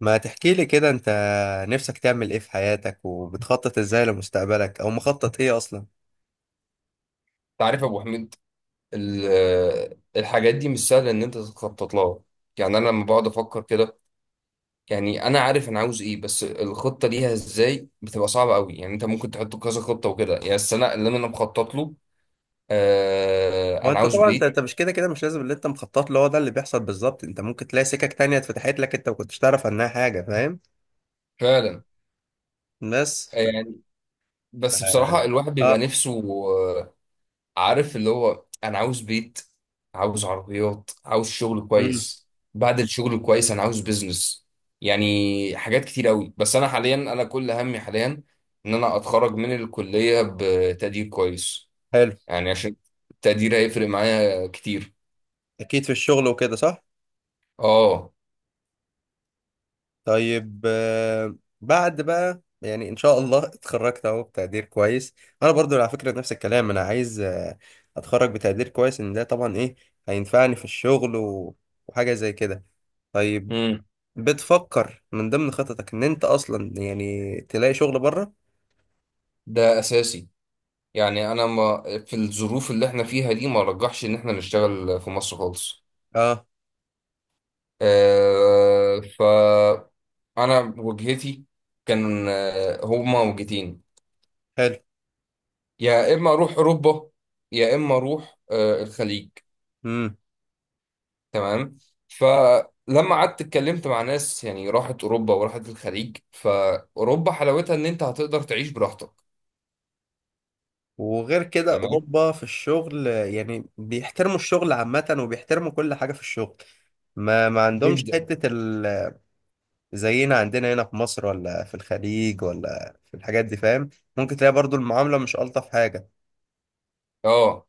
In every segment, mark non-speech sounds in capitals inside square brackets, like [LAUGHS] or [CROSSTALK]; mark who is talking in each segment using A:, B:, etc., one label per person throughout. A: ما تحكي لي كده انت، نفسك تعمل ايه في حياتك وبتخطط ازاي لمستقبلك او مخطط ايه اصلا؟
B: تعرف يا ابو حميد. ال- الحاجات دي مش سهله ان انت تخطط لها. يعني انا لما بقعد افكر كده، يعني انا عارف انا عاوز ايه، بس الخطه ليها ازاي بتبقى صعبه قوي. يعني انت ممكن تحط كذا خطه وكده. يعني بس انا اللي انا مخطط له،
A: هو
B: انا
A: انت
B: عاوز
A: طبعا انت
B: بيت
A: انت مش كده كده مش لازم اللي انت مخطط له هو ده اللي بيحصل بالظبط. انت ممكن تلاقي سكك تانية اتفتحت لك انت ما كنتش تعرف عنها حاجة، فاهم؟
B: فعلا.
A: بس ف...
B: يعني
A: ف...
B: بس بصراحه الواحد بيبقى
A: اه
B: نفسه. آه، عارف اللي هو انا عاوز بيت، عاوز عربيات، عاوز شغل
A: امم
B: كويس. بعد الشغل الكويس انا عاوز بيزنس. يعني حاجات كتير قوي. بس انا حاليا، انا كل همي حاليا ان انا اتخرج من الكلية بتقدير كويس،
A: حلو.
B: يعني عشان التقدير هيفرق معايا كتير.
A: اكيد في الشغل وكده، صح.
B: اه.
A: طيب بعد بقى يعني ان شاء الله اتخرجت اهو بتقدير كويس، انا برضو على فكره نفس الكلام. انا عايز اتخرج بتقدير كويس، ان ده طبعا ايه، هينفعني في الشغل وحاجه زي كده. طيب،
B: امم.
A: بتفكر من ضمن خططك ان انت اصلا يعني تلاقي شغل بره؟
B: ده اساسي. يعني انا، ما في الظروف اللي احنا فيها دي، ما رجحش ان احنا نشتغل في مصر خالص.
A: اه.
B: آه، ف انا وجهتي كان هما وجهتين:
A: حلو.
B: يا اما اروح اوروبا، يا اما اروح الخليج.
A: امم.
B: تمام. فلما قعدت اتكلمت مع ناس يعني راحت اوروبا وراحت الخليج، فاوروبا حلاوتها ان انت هتقدر تعيش براحتك.
A: وغير كده
B: تمام،
A: اوروبا في الشغل يعني بيحترموا الشغل عامه وبيحترموا كل حاجه في الشغل. ما عندهمش
B: جدا.
A: حته ال زينا عندنا هنا في مصر، ولا في الخليج، ولا في الحاجات دي، فاهم؟ ممكن تلاقي برضو المعاملة مش ألطف حاجة.
B: اه.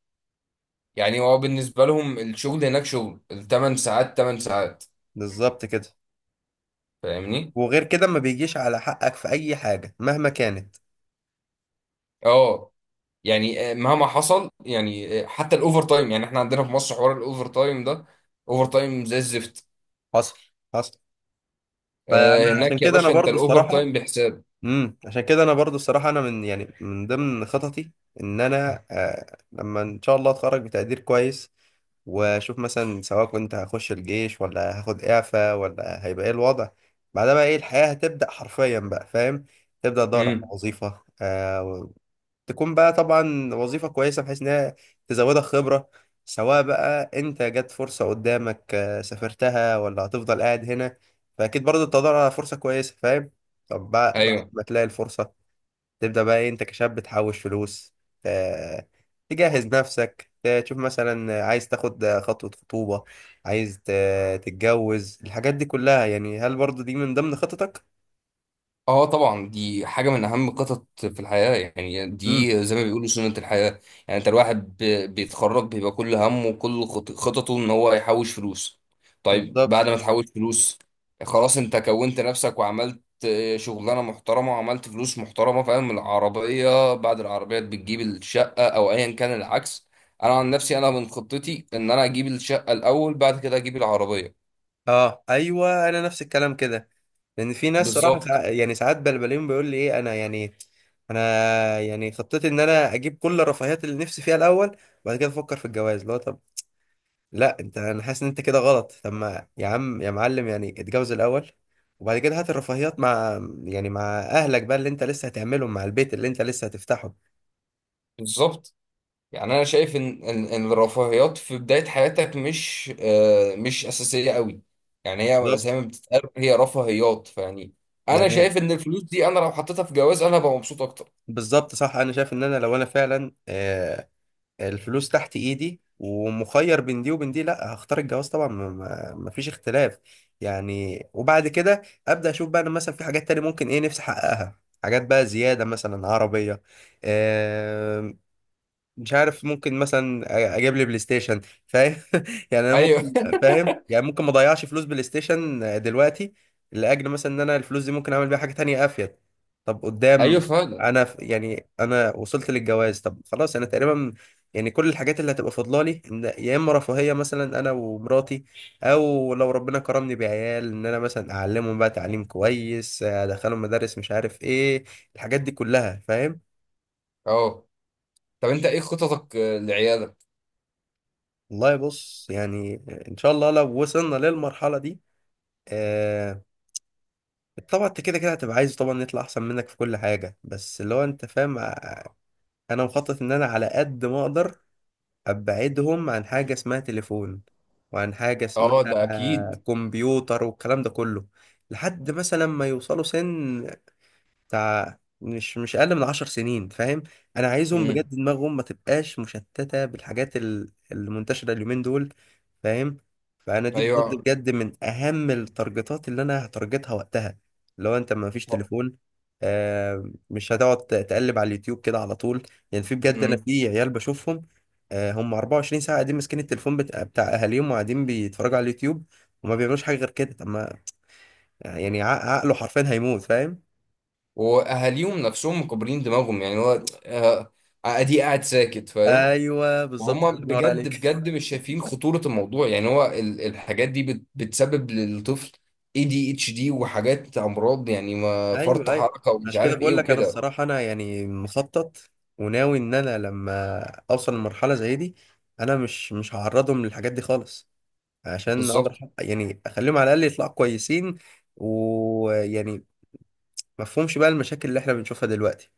B: يعني هو بالنسبه لهم الشغل هناك شغل الثمان ساعات، 8 ساعات.
A: بالظبط كده.
B: فاهمني.
A: وغير كده ما بيجيش على حقك في أي حاجة مهما كانت.
B: اه. يعني مهما حصل، يعني حتى الاوفر تايم. يعني احنا عندنا في مصر حوار الاوفر تايم ده، اوفر تايم زي الزفت.
A: حصل، حصل. فأنا عشان
B: هناك يا
A: كده أنا
B: باشا انت
A: برضو
B: الاوفر
A: الصراحة،
B: تايم بحساب.
A: عشان كده انا برضو الصراحه، انا من يعني من ضمن خططي ان انا لما ان شاء الله اتخرج بتقدير كويس، واشوف مثلا سواء كنت هخش الجيش ولا هاخد اعفاء ولا هيبقى ايه الوضع. بعدها بقى ايه، الحياة هتبدأ حرفيا بقى، فاهم؟ تبدأ تدور على
B: امم.
A: وظيفة تكون بقى طبعا وظيفة كويسة بحيث إنها تزودك خبرة. سواء بقى أنت جت فرصة قدامك سافرتها، ولا هتفضل قاعد هنا. فأكيد برضه بتدور على فرصة كويسة، فاهم؟ طب بعد
B: ايوه.
A: ما تلاقي الفرصة، تبدأ بقى إيه، أنت كشاب تحوش فلوس، آه، تجهز نفسك، تشوف مثلا عايز تاخد خطوة خطوبة، عايز تتجوز، الحاجات دي كلها. يعني هل برضه دي من ضمن خططك؟
B: اه طبعا دي حاجة من أهم القطط في الحياة. يعني
A: امم.
B: دي زي ما بيقولوا سنة الحياة. يعني أنت الواحد بيتخرج بيبقى كل همه وكل خططه إن هو يحوش فلوس. طيب،
A: بالظبط.
B: بعد ما تحوش فلوس؟ خلاص أنت كونت نفسك وعملت شغلانة محترمة وعملت فلوس محترمة. فاهم؟ العربية، بعد العربية بتجيب الشقة، أو أيا كان العكس. أنا عن نفسي، أنا من خطتي إن أنا أجيب الشقة الأول، بعد كده أجيب العربية.
A: اه ايوه، انا نفس الكلام كده. لان في ناس صراحه
B: بالظبط.
A: يعني ساعات بلبلين، بيقول لي ايه انا يعني انا يعني خطتي ان انا اجيب كل الرفاهيات اللي نفسي فيها الاول، وبعد كده افكر في الجواز. اللي هو طب لا، انت انا حاسس ان انت كده غلط. طب ما يا عم يا معلم يعني اتجوز الاول، وبعد كده هات الرفاهيات مع يعني مع اهلك بقى اللي انت لسه هتعملهم، مع البيت اللي انت لسه هتفتحه.
B: بالظبط. يعني انا شايف ان ان إن الرفاهيات في بدايه حياتك مش اساسيه قوي. يعني هي زي
A: بالظبط.
B: ما بتتقال هي رفاهيات، فيعني انا شايف
A: يعني
B: ان الفلوس دي انا لو حطيتها في جواز انا هبقى مبسوط اكتر.
A: بالظبط، صح. انا شايف ان انا لو انا فعلا الفلوس تحت ايدي ومخير بين دي وبين دي، لا هختار الجواز طبعا، مفيش اختلاف يعني. وبعد كده ابدا اشوف بقى انا مثلا في حاجات تانية ممكن ايه نفسي احققها. حاجات بقى زيادة، مثلا عربية، مش عارف، ممكن مثلا اجيب لي بلاي ستيشن، فاهم؟ [LAUGHS] يعني انا
B: ايوه.
A: ممكن، فاهم، يعني ممكن ما اضيعش فلوس بلاي ستيشن دلوقتي، لاجل مثلا ان انا الفلوس دي ممكن اعمل بيها حاجه تانية افيد. طب
B: [LAUGHS] ايوه
A: قدام،
B: فعلا.
A: انا يعني انا وصلت للجواز. طب خلاص، انا تقريبا يعني كل الحاجات اللي هتبقى فاضله لي، إن يا اما رفاهيه مثلا انا ومراتي، او لو ربنا كرمني بعيال، ان انا مثلا اعلمهم بقى تعليم كويس، ادخلهم مدارس، مش عارف ايه، الحاجات دي كلها، فاهم؟
B: اه، طب انت ايه خططك لعيالك؟
A: والله بص يعني، ان شاء الله لو وصلنا للمرحله دي، آه طبعا انت كده كده هتبقى عايز طبعا نطلع احسن منك في كل حاجه، بس اللي هو انت فاهم انا مخطط ان انا على قد ما اقدر ابعدهم عن حاجه اسمها تليفون، وعن حاجه
B: اه
A: اسمها
B: ده اكيد.
A: كمبيوتر والكلام ده كله، لحد مثلا ما يوصلوا سن بتاع مش اقل من 10 سنين، فاهم؟ انا عايزهم
B: امم.
A: بجد دماغهم ما تبقاش مشتته بالحاجات المنتشره اليومين دول، فاهم؟ فانا دي بجد
B: ايوه.
A: بجد من اهم التارجتات اللي انا هتارجتها وقتها. لو انت ما فيش تليفون، مش هتقعد تقلب على اليوتيوب كده على طول. يعني في بجد انا
B: امم.
A: في عيال بشوفهم، آه هم 24 ساعه قاعدين ماسكين التليفون بتاع اهاليهم، وقاعدين بيتفرجوا على اليوتيوب وما بيعملوش حاجه غير كده. طب ما يعني عقله حرفيا هيموت، فاهم؟
B: واهاليهم نفسهم مكبرين دماغهم. يعني هو ادي قاعد ساكت، فاهم؟
A: ايوه بالظبط،
B: وهم
A: الله ينور
B: بجد
A: عليك.
B: بجد مش شايفين خطورة الموضوع. يعني هو الحاجات دي بتسبب للطفل ADHD، وحاجات امراض يعني،
A: [LAUGHS]
B: ما فرط
A: ايوه ايوه،
B: حركة ومش
A: عشان كده
B: عارف ايه
A: بقول لك انا
B: وكده.
A: الصراحه، انا يعني مخطط وناوي ان انا لما اوصل لمرحله زي دي، انا مش هعرضهم للحاجات دي خالص، عشان اقدر
B: بالظبط.
A: يعني اخليهم على الاقل يطلعوا كويسين، ويعني ما فهمش بقى المشاكل اللي احنا بنشوفها دلوقتي.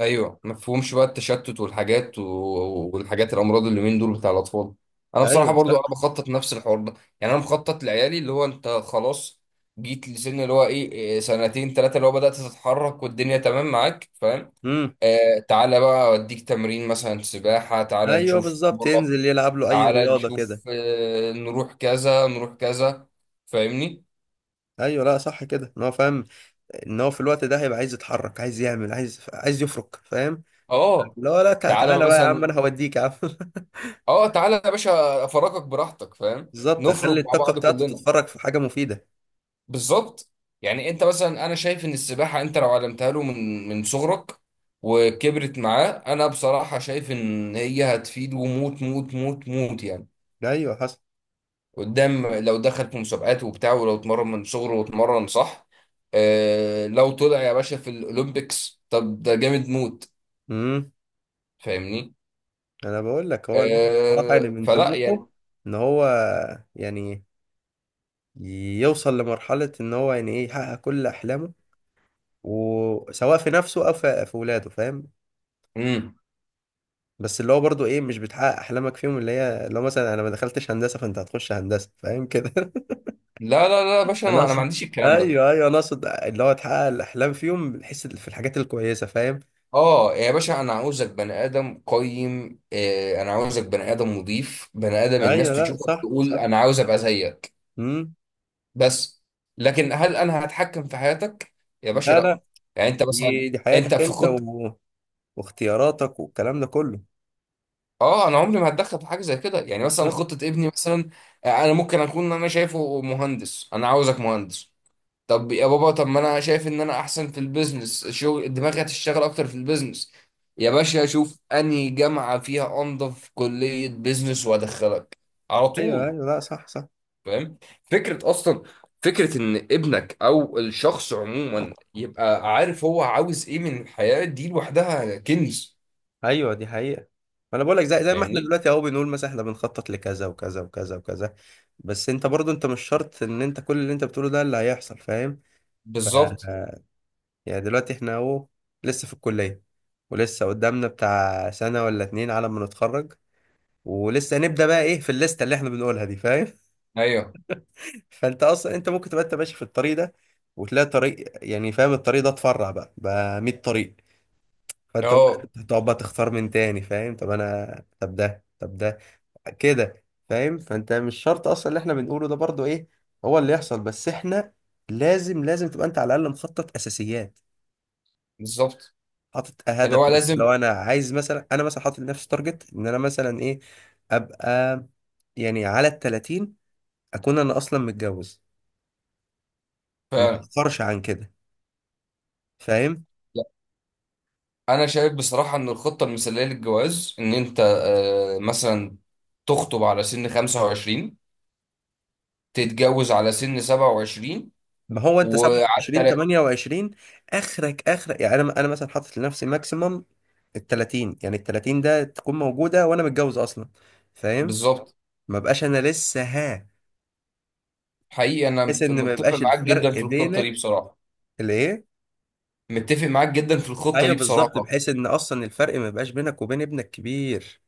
B: ايوه، ما تفهمش بقى التشتت والحاجات والحاجات الامراض اللي من دول بتاع الاطفال. انا بصراحة
A: ايوه
B: برضو انا
A: صح.
B: بخطط نفس الحوار ده. يعني انا مخطط لعيالي اللي هو انت خلاص جيت لسن اللي هو ايه، إيه، سنتين ثلاثة اللي هو بدأت تتحرك والدنيا تمام معاك، فاهم؟
A: امم.
B: آه تعالى بقى أوديك تمرين مثلا سباحة، تعالى
A: ايوه
B: نشوف
A: بالظبط،
B: كورة،
A: ينزل يلعب له اي
B: تعالى
A: رياضه كده.
B: نشوف، آه نروح كذا، نروح كذا. فاهمني؟
A: ايوه لا صح كده، ان هو فاهم ان هو في الوقت ده هيبقى عايز يتحرك، عايز يعمل، عايز يفرك، فاهم؟
B: اه،
A: لا لا، تع-
B: تعالى
A: تعالى بقى يا عم
B: مثلا،
A: انا هوديك يا عم. [LAUGHS]
B: اه تعالى يا باشا أفرجك براحتك، فاهم؟
A: بالظبط،
B: نفرج
A: اخلي
B: مع
A: الطاقه
B: بعض
A: بتاعته
B: كلنا.
A: تتفرج في حاجه مفيده.
B: بالظبط. يعني أنت مثلا، أنا شايف إن السباحة أنت لو علمتها له من من صغرك وكبرت معاه، أنا بصراحة شايف إن هي هتفيده موت موت موت موت يعني.
A: ايوه حصل.
B: قدام لو دخل في مسابقات وبتاع، ولو اتمرن من صغره واتمرن صح، آه لو طلع يا باشا في الاولمبيكس طب ده جامد موت.
A: امم.
B: فاهمني.
A: انا بقول لك هو الواحد بصراحه، يعني من
B: فلا يعني.
A: طموحه ان هو يعني يوصل لمرحله ان هو يعني ايه، يحقق كل احلامه، وسواء في نفسه او في ولاده، فاهم؟
B: مم.
A: بس اللي هو برضو ايه، مش بتحقق احلامك فيهم. اللي هي لو مثلا انا ما دخلتش هندسه، فانت هتخش هندسه، فاهم كده؟ [LAUGHS]
B: لا لا لا يا باشا،
A: انا
B: انا ما
A: اقصد،
B: عنديش الكلام ده.
A: ايوه ايوه، انا اقصد اللي هو تحقق الاحلام فيهم بحيث في الحاجات الكويسه، فاهم؟
B: اه يا باشا انا عاوزك بني ادم قيم، انا عاوزك بني ادم مضيف بني ادم، الناس
A: ايوه لا
B: تشوفك
A: صح
B: تقول
A: صح.
B: انا عاوز ابقى زيك.
A: امم.
B: بس لكن هل انا هتحكم في حياتك؟ يا باشا
A: لا
B: لا.
A: لا،
B: يعني انت مثلا،
A: دي
B: انت
A: حياتك
B: في
A: انت
B: خطة.
A: واختياراتك والكلام ده كله.
B: اه انا عمري ما هتدخل في حاجه زي كده. يعني مثلا
A: بالظبط.
B: خطه ابني مثلا، انا ممكن اكون انا شايفه مهندس، انا عاوزك مهندس. طب يا بابا، طب ما انا شايف ان انا احسن في البيزنس، شغل دماغي هتشتغل اكتر في البيزنس. يا باشا اشوف انهي جامعه فيها انظف كليه بيزنس وادخلك على
A: ايوه
B: طول.
A: ايوه لا صح صح.
B: فاهم؟ فكره. اصلا فكره ان ابنك او الشخص عموما يبقى عارف هو عاوز ايه من الحياه دي، لوحدها كنز.
A: ايوه دي حقيقة. ما انا بقول لك، زي ما احنا
B: فاهمني؟
A: دلوقتي اهو بنقول مثلا احنا بنخطط لكذا وكذا وكذا وكذا. بس انت برضو انت مش شرط ان انت كل اللي انت بتقوله ده اللي هيحصل، فاهم؟ ف
B: بالظبط.
A: يعني دلوقتي احنا اهو لسه في الكلية، ولسه قدامنا بتاع سنة ولا اتنين على ما نتخرج، ولسه نبدأ بقى ايه في الليستة اللي احنا بنقولها دي، فاهم؟
B: ايوه.
A: فانت اصلا انت ممكن تبقى انت ماشي في الطريق ده، وتلاقي طريق، يعني فاهم الطريق ده اتفرع بقى 100 طريق. فانت
B: اه
A: تقعد بقى تختار من تاني، فاهم؟ طب انا طب ده طب ده كده، فاهم؟ فانت مش شرط اصلا اللي احنا بنقوله ده برضو ايه هو اللي يحصل، بس احنا لازم لازم تبقى انت على الاقل مخطط اساسيات،
B: بالظبط
A: حاطط
B: اللي
A: هدف.
B: هو
A: مثلا
B: لازم
A: لو انا عايز مثلا، انا مثلا حاطط لنفسي تارجت ان انا مثلا ايه، ابقى يعني على ال 30 اكون انا اصلا متجوز، ما
B: فعلا.
A: اتاخرش عن كده، فاهم؟
B: لا، انا شايف بصراحه ان الخطه المثاليه للجواز ان انت، مثلا تخطب على سن 25، تتجوز على سن 27،
A: ما هو انت
B: وعلى
A: 27
B: تلات.
A: 28 اخرك اخرك. يعني انا مثلا حاطط لنفسي ماكسيمم ال 30، يعني ال 30 ده تكون موجوده وانا متجوز اصلا، فاهم؟
B: بالظبط.
A: ما بقاش انا لسه ها.
B: حقيقي انا
A: بحيث ان ما
B: متفق
A: يبقاش
B: معاك
A: الفرق
B: جدا في الخطه دي
A: بينك
B: بصراحه.
A: الايه،
B: متفق معاك جدا في الخطه
A: ايوه
B: دي
A: بالظبط،
B: بصراحه.
A: بحيث ان اصلا الفرق ما يبقاش بينك وبين ابنك كبير.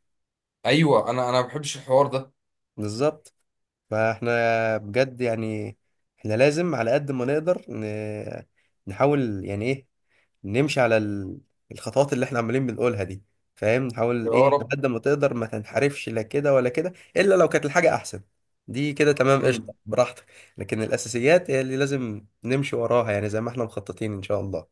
B: ايوه انا ما بحبش الحوار ده.
A: بالظبط. فاحنا بجد يعني احنا لازم على قد ما نقدر نحاول يعني ايه نمشي على الخطوات اللي احنا عمالين بنقولها دي، فاهم؟ نحاول
B: يا
A: ايه على
B: رب.
A: قد ما تقدر ما تنحرفش لا كده ولا كده، الا لو كانت الحاجه احسن دي كده، تمام، قشطه
B: امم.
A: براحتك. لكن الاساسيات هي اللي لازم نمشي وراها، يعني زي ما احنا مخططين ان شاء الله.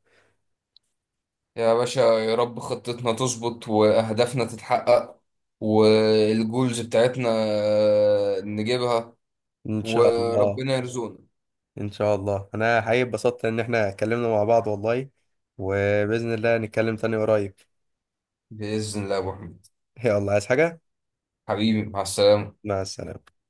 B: يا باشا يا رب خطتنا تظبط، واهدافنا تتحقق، والجولز بتاعتنا نجيبها.
A: ان شاء الله.
B: وربنا يرزقنا.
A: ان شاء الله، انا حقيقي اتبسطت ان احنا اتكلمنا مع بعض والله، وباذن الله نتكلم تاني قريب.
B: بإذن الله يا أبو حميد،
A: [LAUGHS] يلا عايز حاجه؟
B: حبيبي، مع السلامة.
A: مع السلامه.